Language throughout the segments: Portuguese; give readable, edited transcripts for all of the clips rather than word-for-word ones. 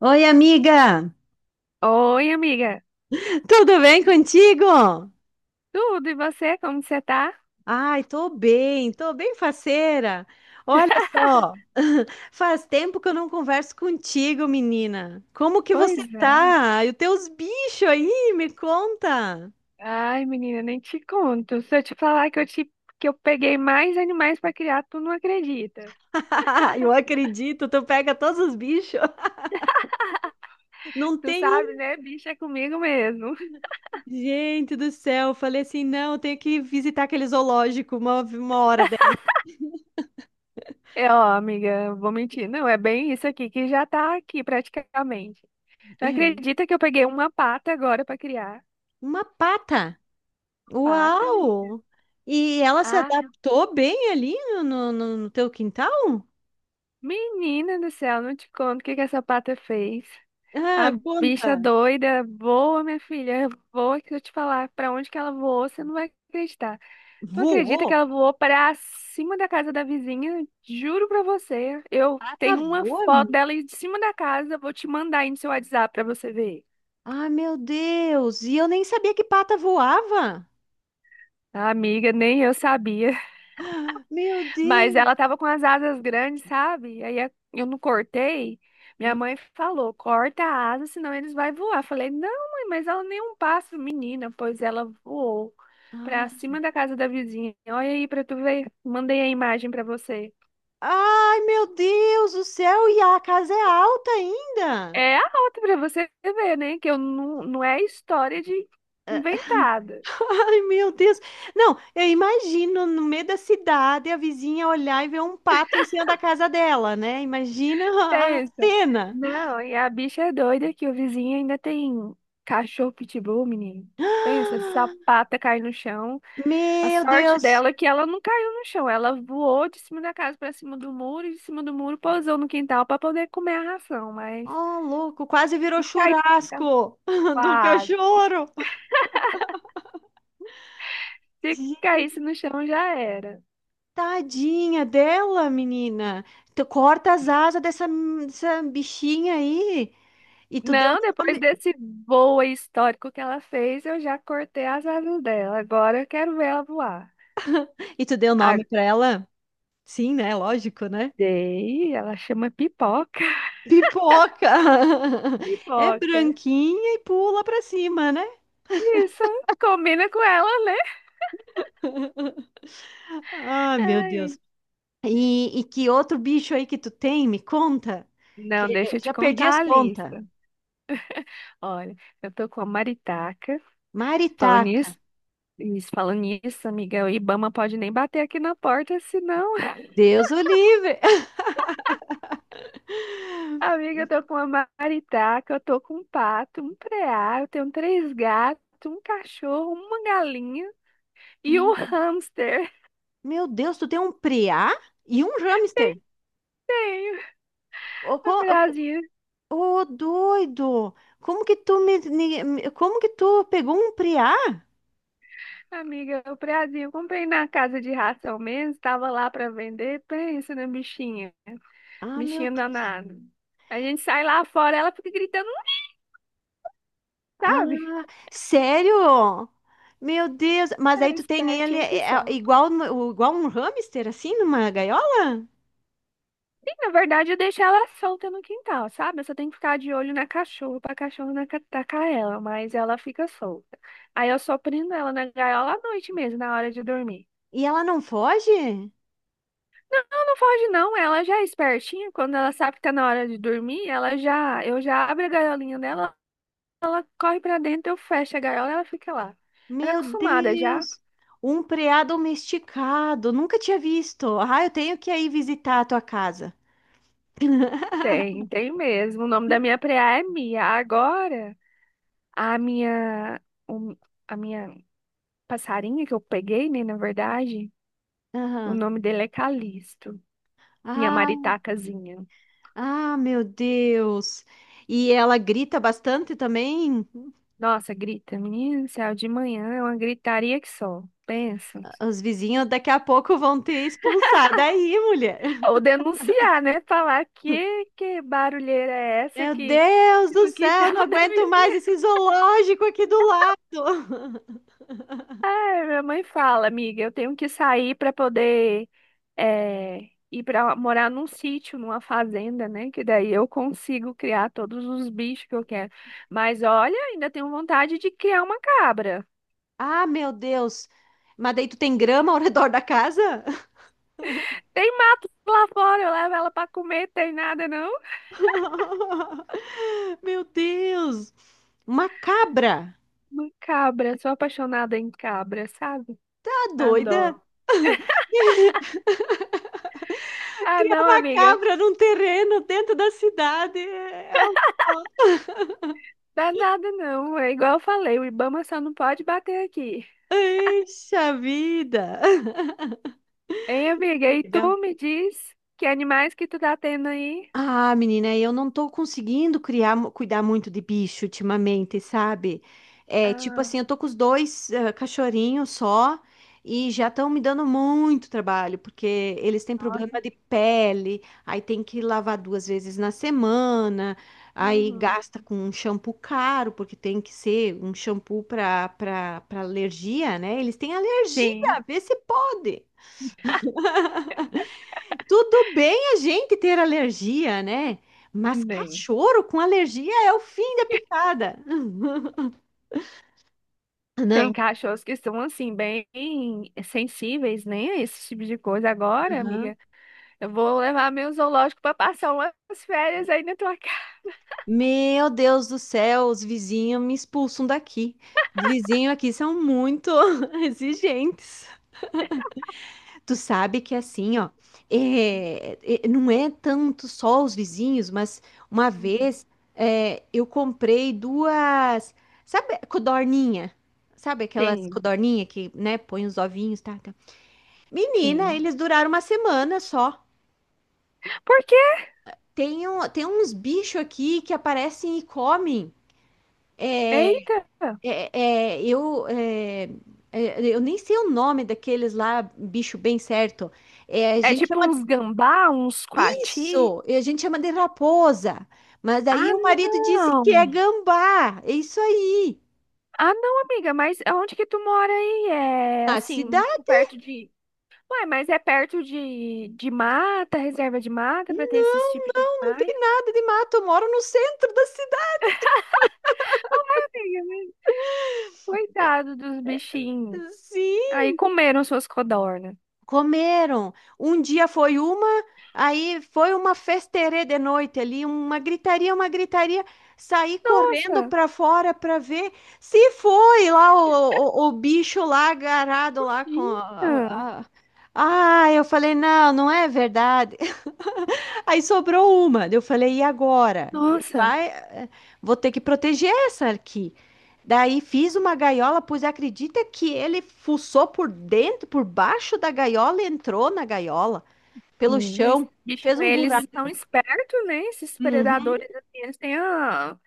Oi, amiga! Oi, amiga. Tudo bem contigo? Tudo, e você? Como você tá? Ai, tô bem faceira. Olha só, faz tempo que eu não converso contigo, menina. Como que você Pois é. tá? E os teus bichos aí, me conta. Ai, menina, nem te conto. Se eu te falar que eu, te, que eu peguei mais animais pra criar, tu não acredita. Eu acredito, tu pega todos os bichos. Não Tu tem sabe, um. né? Bicho é comigo mesmo. Gente do céu, eu falei assim, não, eu tenho que visitar aquele zoológico uma hora dessa. É, ó, amiga, vou mentir. Não, é bem isso aqui que já tá aqui praticamente. Tu acredita que eu peguei uma pata agora pra criar? Uma pata? Pata, menina. Uau! E ela se Ah, adaptou bem ali no teu quintal? menina do céu, não te conto o que que essa pata fez. A Ah, bicha conta. doida, voa, minha filha, voa que eu te falar pra onde que ela voou, você não vai acreditar. Tu acredita que Voou? ela voou pra cima da casa da vizinha? Juro pra você, eu Pata tenho uma voa, foto menina? dela aí de cima da casa, vou te mandar aí no seu WhatsApp pra você ver. Ah, meu Deus! E eu nem sabia que pata voava. Amiga, nem eu sabia. Meu Mas ela Deus! tava com as asas grandes, sabe? Aí eu não cortei. Minha mãe falou: corta a asa, senão eles vão voar. Falei: não, mãe, mas ela nem é um pássaro, menina. Pois ela voou pra Ah. cima da casa da vizinha. Olha aí pra tu ver. Mandei a imagem pra você. Ai, meu Deus do céu! E a casa é alta ainda? É a outra pra você ver, né? Que eu não é história de inventada. Ai, meu Deus! Não, eu imagino no meio da cidade a vizinha olhar e ver um pato em cima da casa dela, né? Imagina a Pensa. cena. Não, e a bicha é doida que o vizinho ainda tem cachorro pitbull, menino. Pensa, sapata cai no chão. A Meu sorte Deus! dela é que ela não caiu no chão. Ela voou de cima da casa para cima do muro e de cima do muro pousou no quintal para poder comer a ração. Mas Oh, louco, quase virou se caísse no quintal, churrasco do quase. cachorro. Se Gente, caísse no chão, já era. tadinha dela, menina. Tu corta as asas dessa bichinha aí. E tu deu Não, depois nome. desse voo aí histórico que ela fez, eu já cortei as asas dela. Agora eu quero ver ela voar. E tu deu A nome pra ela? Sim, né? Lógico, né? daí ela chama pipoca. Pipoca! É Pipoca. branquinha e pula pra cima, né? Isso, combina com ela, né? Ah, meu Deus. Ai, E que outro bicho aí que tu tem? Me conta. não, Que eu deixa eu te já perdi as contar a contas. lista. Olha, eu tô com a maritaca. Falando Maritaca. nisso, isso, falando nisso, amiga, o Ibama pode nem bater aqui na porta, senão, Deus o livre. amiga, eu tô com uma maritaca, eu tô com um pato, um preá, eu tenho três gatos, um cachorro, uma galinha e um Meu, hamster. meu Deus, tu tem um preá e um hamster. Tenho Ô, a co- preazinha, ô, ô, doido. Como que tu me, ni- me- como que tu pegou um preá? amiga, o preazinho, eu comprei na casa de ração mesmo, tava lá pra vender, pensa na bichinha, Ah, meu bichinha Deus. danada. A gente sai lá fora, ela fica gritando, não Ah, sabe? sério? Meu Deus, mas aí É tu tem ele espertinha que é só. igual igual um hamster assim numa gaiola? Sim, na verdade, eu deixo ela solta no quintal, sabe? Eu só tenho que ficar de olho na cachorra, pra cachorra não atacar ela, mas ela fica solta. Aí eu só prendo ela na gaiola à noite mesmo, na hora de dormir. E ela não foge? Ela não foge, não, ela já é espertinha. Quando ela sabe que tá na hora de dormir, eu já abro a gaiolinha dela, ela corre pra dentro, eu fecho a gaiola e ela fica lá. Ela é Meu acostumada já? Deus! Um preá domesticado, nunca tinha visto. Ah, eu tenho que ir visitar a tua casa. Tem, tem mesmo. O nome da minha preá é Mia. Agora, a minha, o- a minha passarinha que eu peguei, né, na verdade. O Aham. nome dele é Calixto, minha Ah, maritacazinha. ah, meu Deus. E ela grita bastante também. Nossa, grita, menino do céu, de manhã é uma gritaria que só. Pensa. Os vizinhos daqui a pouco vão te expulsar daí, mulher. Ou denunciar, né? Falar que barulheira é essa Meu que Deus do no céu, quintal não da aguento mais esse vizinha. zoológico aqui do lado. É, minha mãe fala, amiga, eu tenho que sair para poder ir para morar num sítio, numa fazenda, né? Que daí eu consigo criar todos os bichos que eu quero. Mas olha, ainda tenho vontade de criar uma cabra. Ah, meu Deus. Mas daí tu tem grama ao redor da casa? Tem mato lá fora, eu levo ela pra comer, tem nada não? Meu Deus. Uma cabra. Uma cabra, sou apaixonada em cabra, sabe? Tá Adoro. doida? Ah, Criar não, uma amiga, cabra num terreno dentro da cidade. É uma. dá nada não. É igual eu falei, o Ibama só não pode bater aqui. Ixi, a vida! Hein, amiga? E Legal. tu me diz que animais que tu tá tendo aí? Ah, menina, eu não tô conseguindo criar, cuidar muito de bicho ultimamente, sabe? É, tipo Ah, assim, eu tô com os dois cachorrinhos só e já estão me dando muito trabalho, porque eles têm problema nossa. de pele, aí tem que lavar duas vezes na semana, aí Uhum. gasta com um shampoo caro, porque tem que ser um shampoo para alergia, né? Eles têm alergia, Sim, vê se pode. Tudo bem a gente ter alergia, né? Mas bem. cachorro com alergia é o fim da picada. Tem Não. cachorros que são assim, bem sensíveis, né? A esse tipo de coisa. Agora, Aham. amiga, eu vou levar meu zoológico pra passar umas férias aí na tua casa. Meu Deus do céu, os vizinhos me expulsam daqui. Os vizinhos aqui são muito exigentes. Tu sabe que assim, ó, não é tanto só os vizinhos, mas uma Uhum. vez é, eu comprei duas, sabe, codorninha? Sabe aquelas Sim, codorninha que, né, põe os ovinhos, tá? Menina, sim. eles duraram uma semana só. Por quê? Tem uns bichos aqui que aparecem e comem. Eita! É, é, eu, é, eu nem sei o nome daqueles lá, bicho bem certo. É, a É gente tipo chama uns gambá, uns coati? isso, a gente chama de raposa. Mas Ah, aí o marido disse que é não! gambá. É isso aí. Ah, não, amiga, mas onde que tu mora aí? É Na assim, muito cidade? perto de. Ué, mas é perto de mata, reserva de mata, pra ter esses tipos de Não animais? tem nada de mato. Eu moro no centro da cidade. Ué, amiga, mas coitado dos bichinhos. Aí Sim. comeram suas codornas. Comeram. Um dia foi uma, aí foi uma festerê de noite ali, uma gritaria, uma gritaria. Saí correndo Nossa, para fora para ver se foi lá o bicho lá agarrado lá com tadinha. a- a- ah, eu falei, não, não é verdade. Aí sobrou uma. Daí eu falei, e agora? E Nossa. vai, vou ter que proteger essa aqui. Daí fiz uma gaiola, pois acredita que ele fuçou por dentro, por baixo da gaiola e entrou na gaiola, pelo Menina, esses chão, bichos, fez um eles são buraco. espertos, né? Esses Uhum. predadores, assim, eles têm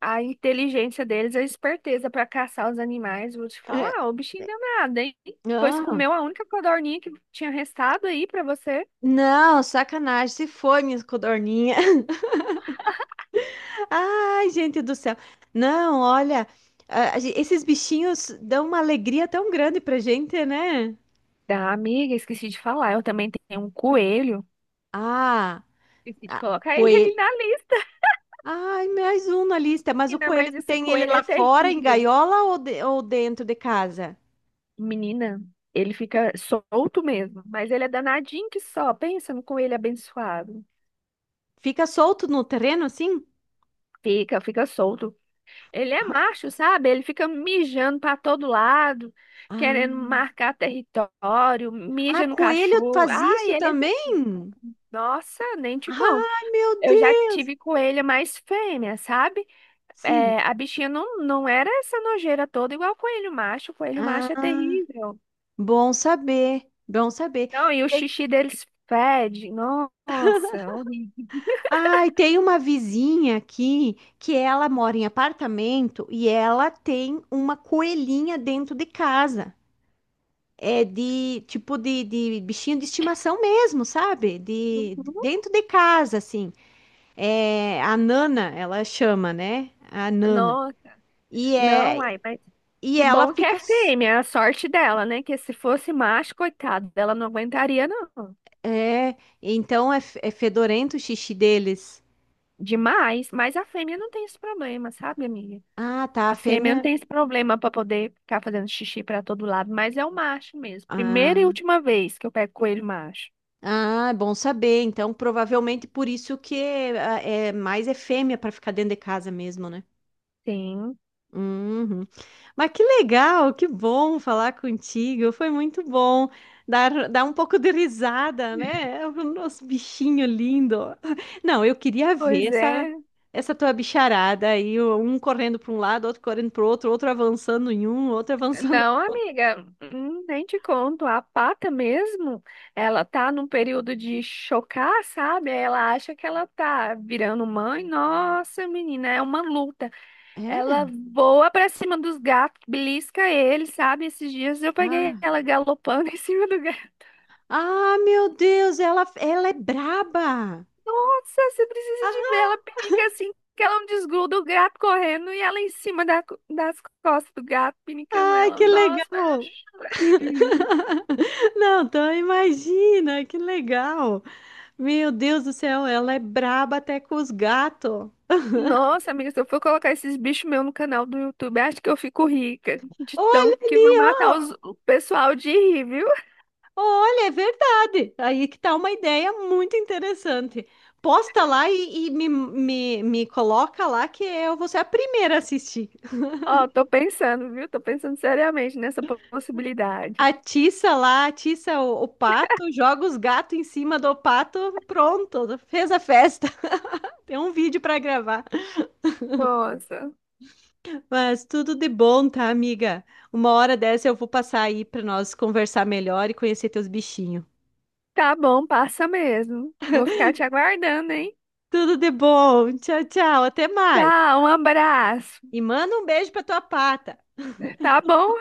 a inteligência deles, a esperteza para caçar os animais. Vou te É, falar, o bichinho deu nada, hein? Pois ah, comeu a única codorninha que tinha restado aí para você. não, sacanagem, se foi, minha codorninha. Ai, gente do céu. Não, olha, esses bichinhos dão uma alegria tão grande pra gente, né? Da amiga, esqueci de falar, eu também tenho um coelho. Ah, Esqueci de a- colocar ele aí coelho. na lista, Ai, mais um na lista. Mas o ainda coelho, mais tu esse tem ele coelho é lá fora, em terrível. gaiola ou, ou dentro de casa? Menina, ele fica solto mesmo, mas ele é danadinho que só. Pensa no coelho abençoado. Fica solto no terreno assim? Fica, fica solto. Ele é macho, sabe? Ele fica mijando para todo lado, querendo Ah, marcar território, ah, mija no coelho cachorro. faz isso Ai, também? nossa, nem te conto. Ai, meu Eu já Deus! tive coelha mais fêmea, sabe? É, Sim. a bichinha não era essa nojeira toda igual coelho macho. Coelho Ah, macho é terrível. bom saber, bom saber. Não, e o Tem, xixi deles fede. Nossa, horrível. ai, tem uma vizinha aqui que ela mora em apartamento e ela tem uma coelhinha dentro de casa. É de tipo de bichinho de estimação mesmo, sabe? Uhum. Dentro de casa, assim. É, a Nana, ela chama, né? A Nana. Nossa, E não, é ai, mas. e Que ela bom que é fica s- fêmea, é a sorte dela, né? Que se fosse macho, coitado, ela não aguentaria, não. é, então é, f- é fedorento o xixi deles. Demais. Mas a fêmea não tem esse problema, sabe, amiga? Ah, tá, a A fêmea não fêmea. tem esse problema pra poder ficar fazendo xixi pra todo lado, mas é o macho mesmo. Primeira e Ah, última vez que eu pego coelho macho. ah, é bom saber. Então, provavelmente por isso que ah, é mais é fêmea para ficar dentro de casa mesmo, né? Sim. Uhum. Mas que legal, que bom falar contigo. Foi muito bom dar um pouco de risada, né? É o nosso bichinho lindo. Não, eu queria ver Pois essa, é. essa tua bicharada aí, um correndo para um lado, outro correndo para o outro, outro avançando em um, outro avançando. Não, amiga, nem te conto. A pata mesmo, ela tá num período de chocar, sabe? Aí ela acha que ela tá virando mãe. Nossa, menina, é uma luta. Ela É? voa pra cima dos gatos, belisca eles, sabe? Esses dias eu peguei Ah, ela galopando em cima do gato. ah, meu Deus, ela é braba. Nossa, você precisa de ver. Ah, Ela pinica assim, que ela não desgruda o gato correndo e ela em cima das costas do gato, pinicando ai, ela. que Nossa, mas eu legal. chorei de rir. Não, então imagina, que legal. Meu Deus do céu, ela é braba até com os gatos. Nossa, amiga, se eu for colocar esses bichos meus no canal do YouTube, acho que eu fico rica. De tão Olha que vão ali, matar ó. O pessoal de rir, viu? Olha, é verdade. Aí que tá uma ideia muito interessante. Posta lá e, me coloca lá que eu vou ser a primeira a assistir. Ó, tô pensando, viu? Tô pensando seriamente nessa possibilidade. Atiça lá, atiça o pato, joga os gatos em cima do pato, pronto, fez a festa. Tem um vídeo para gravar. Nossa. Mas tudo de bom, tá, amiga? Uma hora dessa eu vou passar aí para nós conversar melhor e conhecer teus bichinhos. Tá bom, passa mesmo. Vou ficar te aguardando, hein? Tudo de bom. Tchau, tchau. Até mais. Tchau, um abraço. E manda um beijo pra tua pata. Tá bom?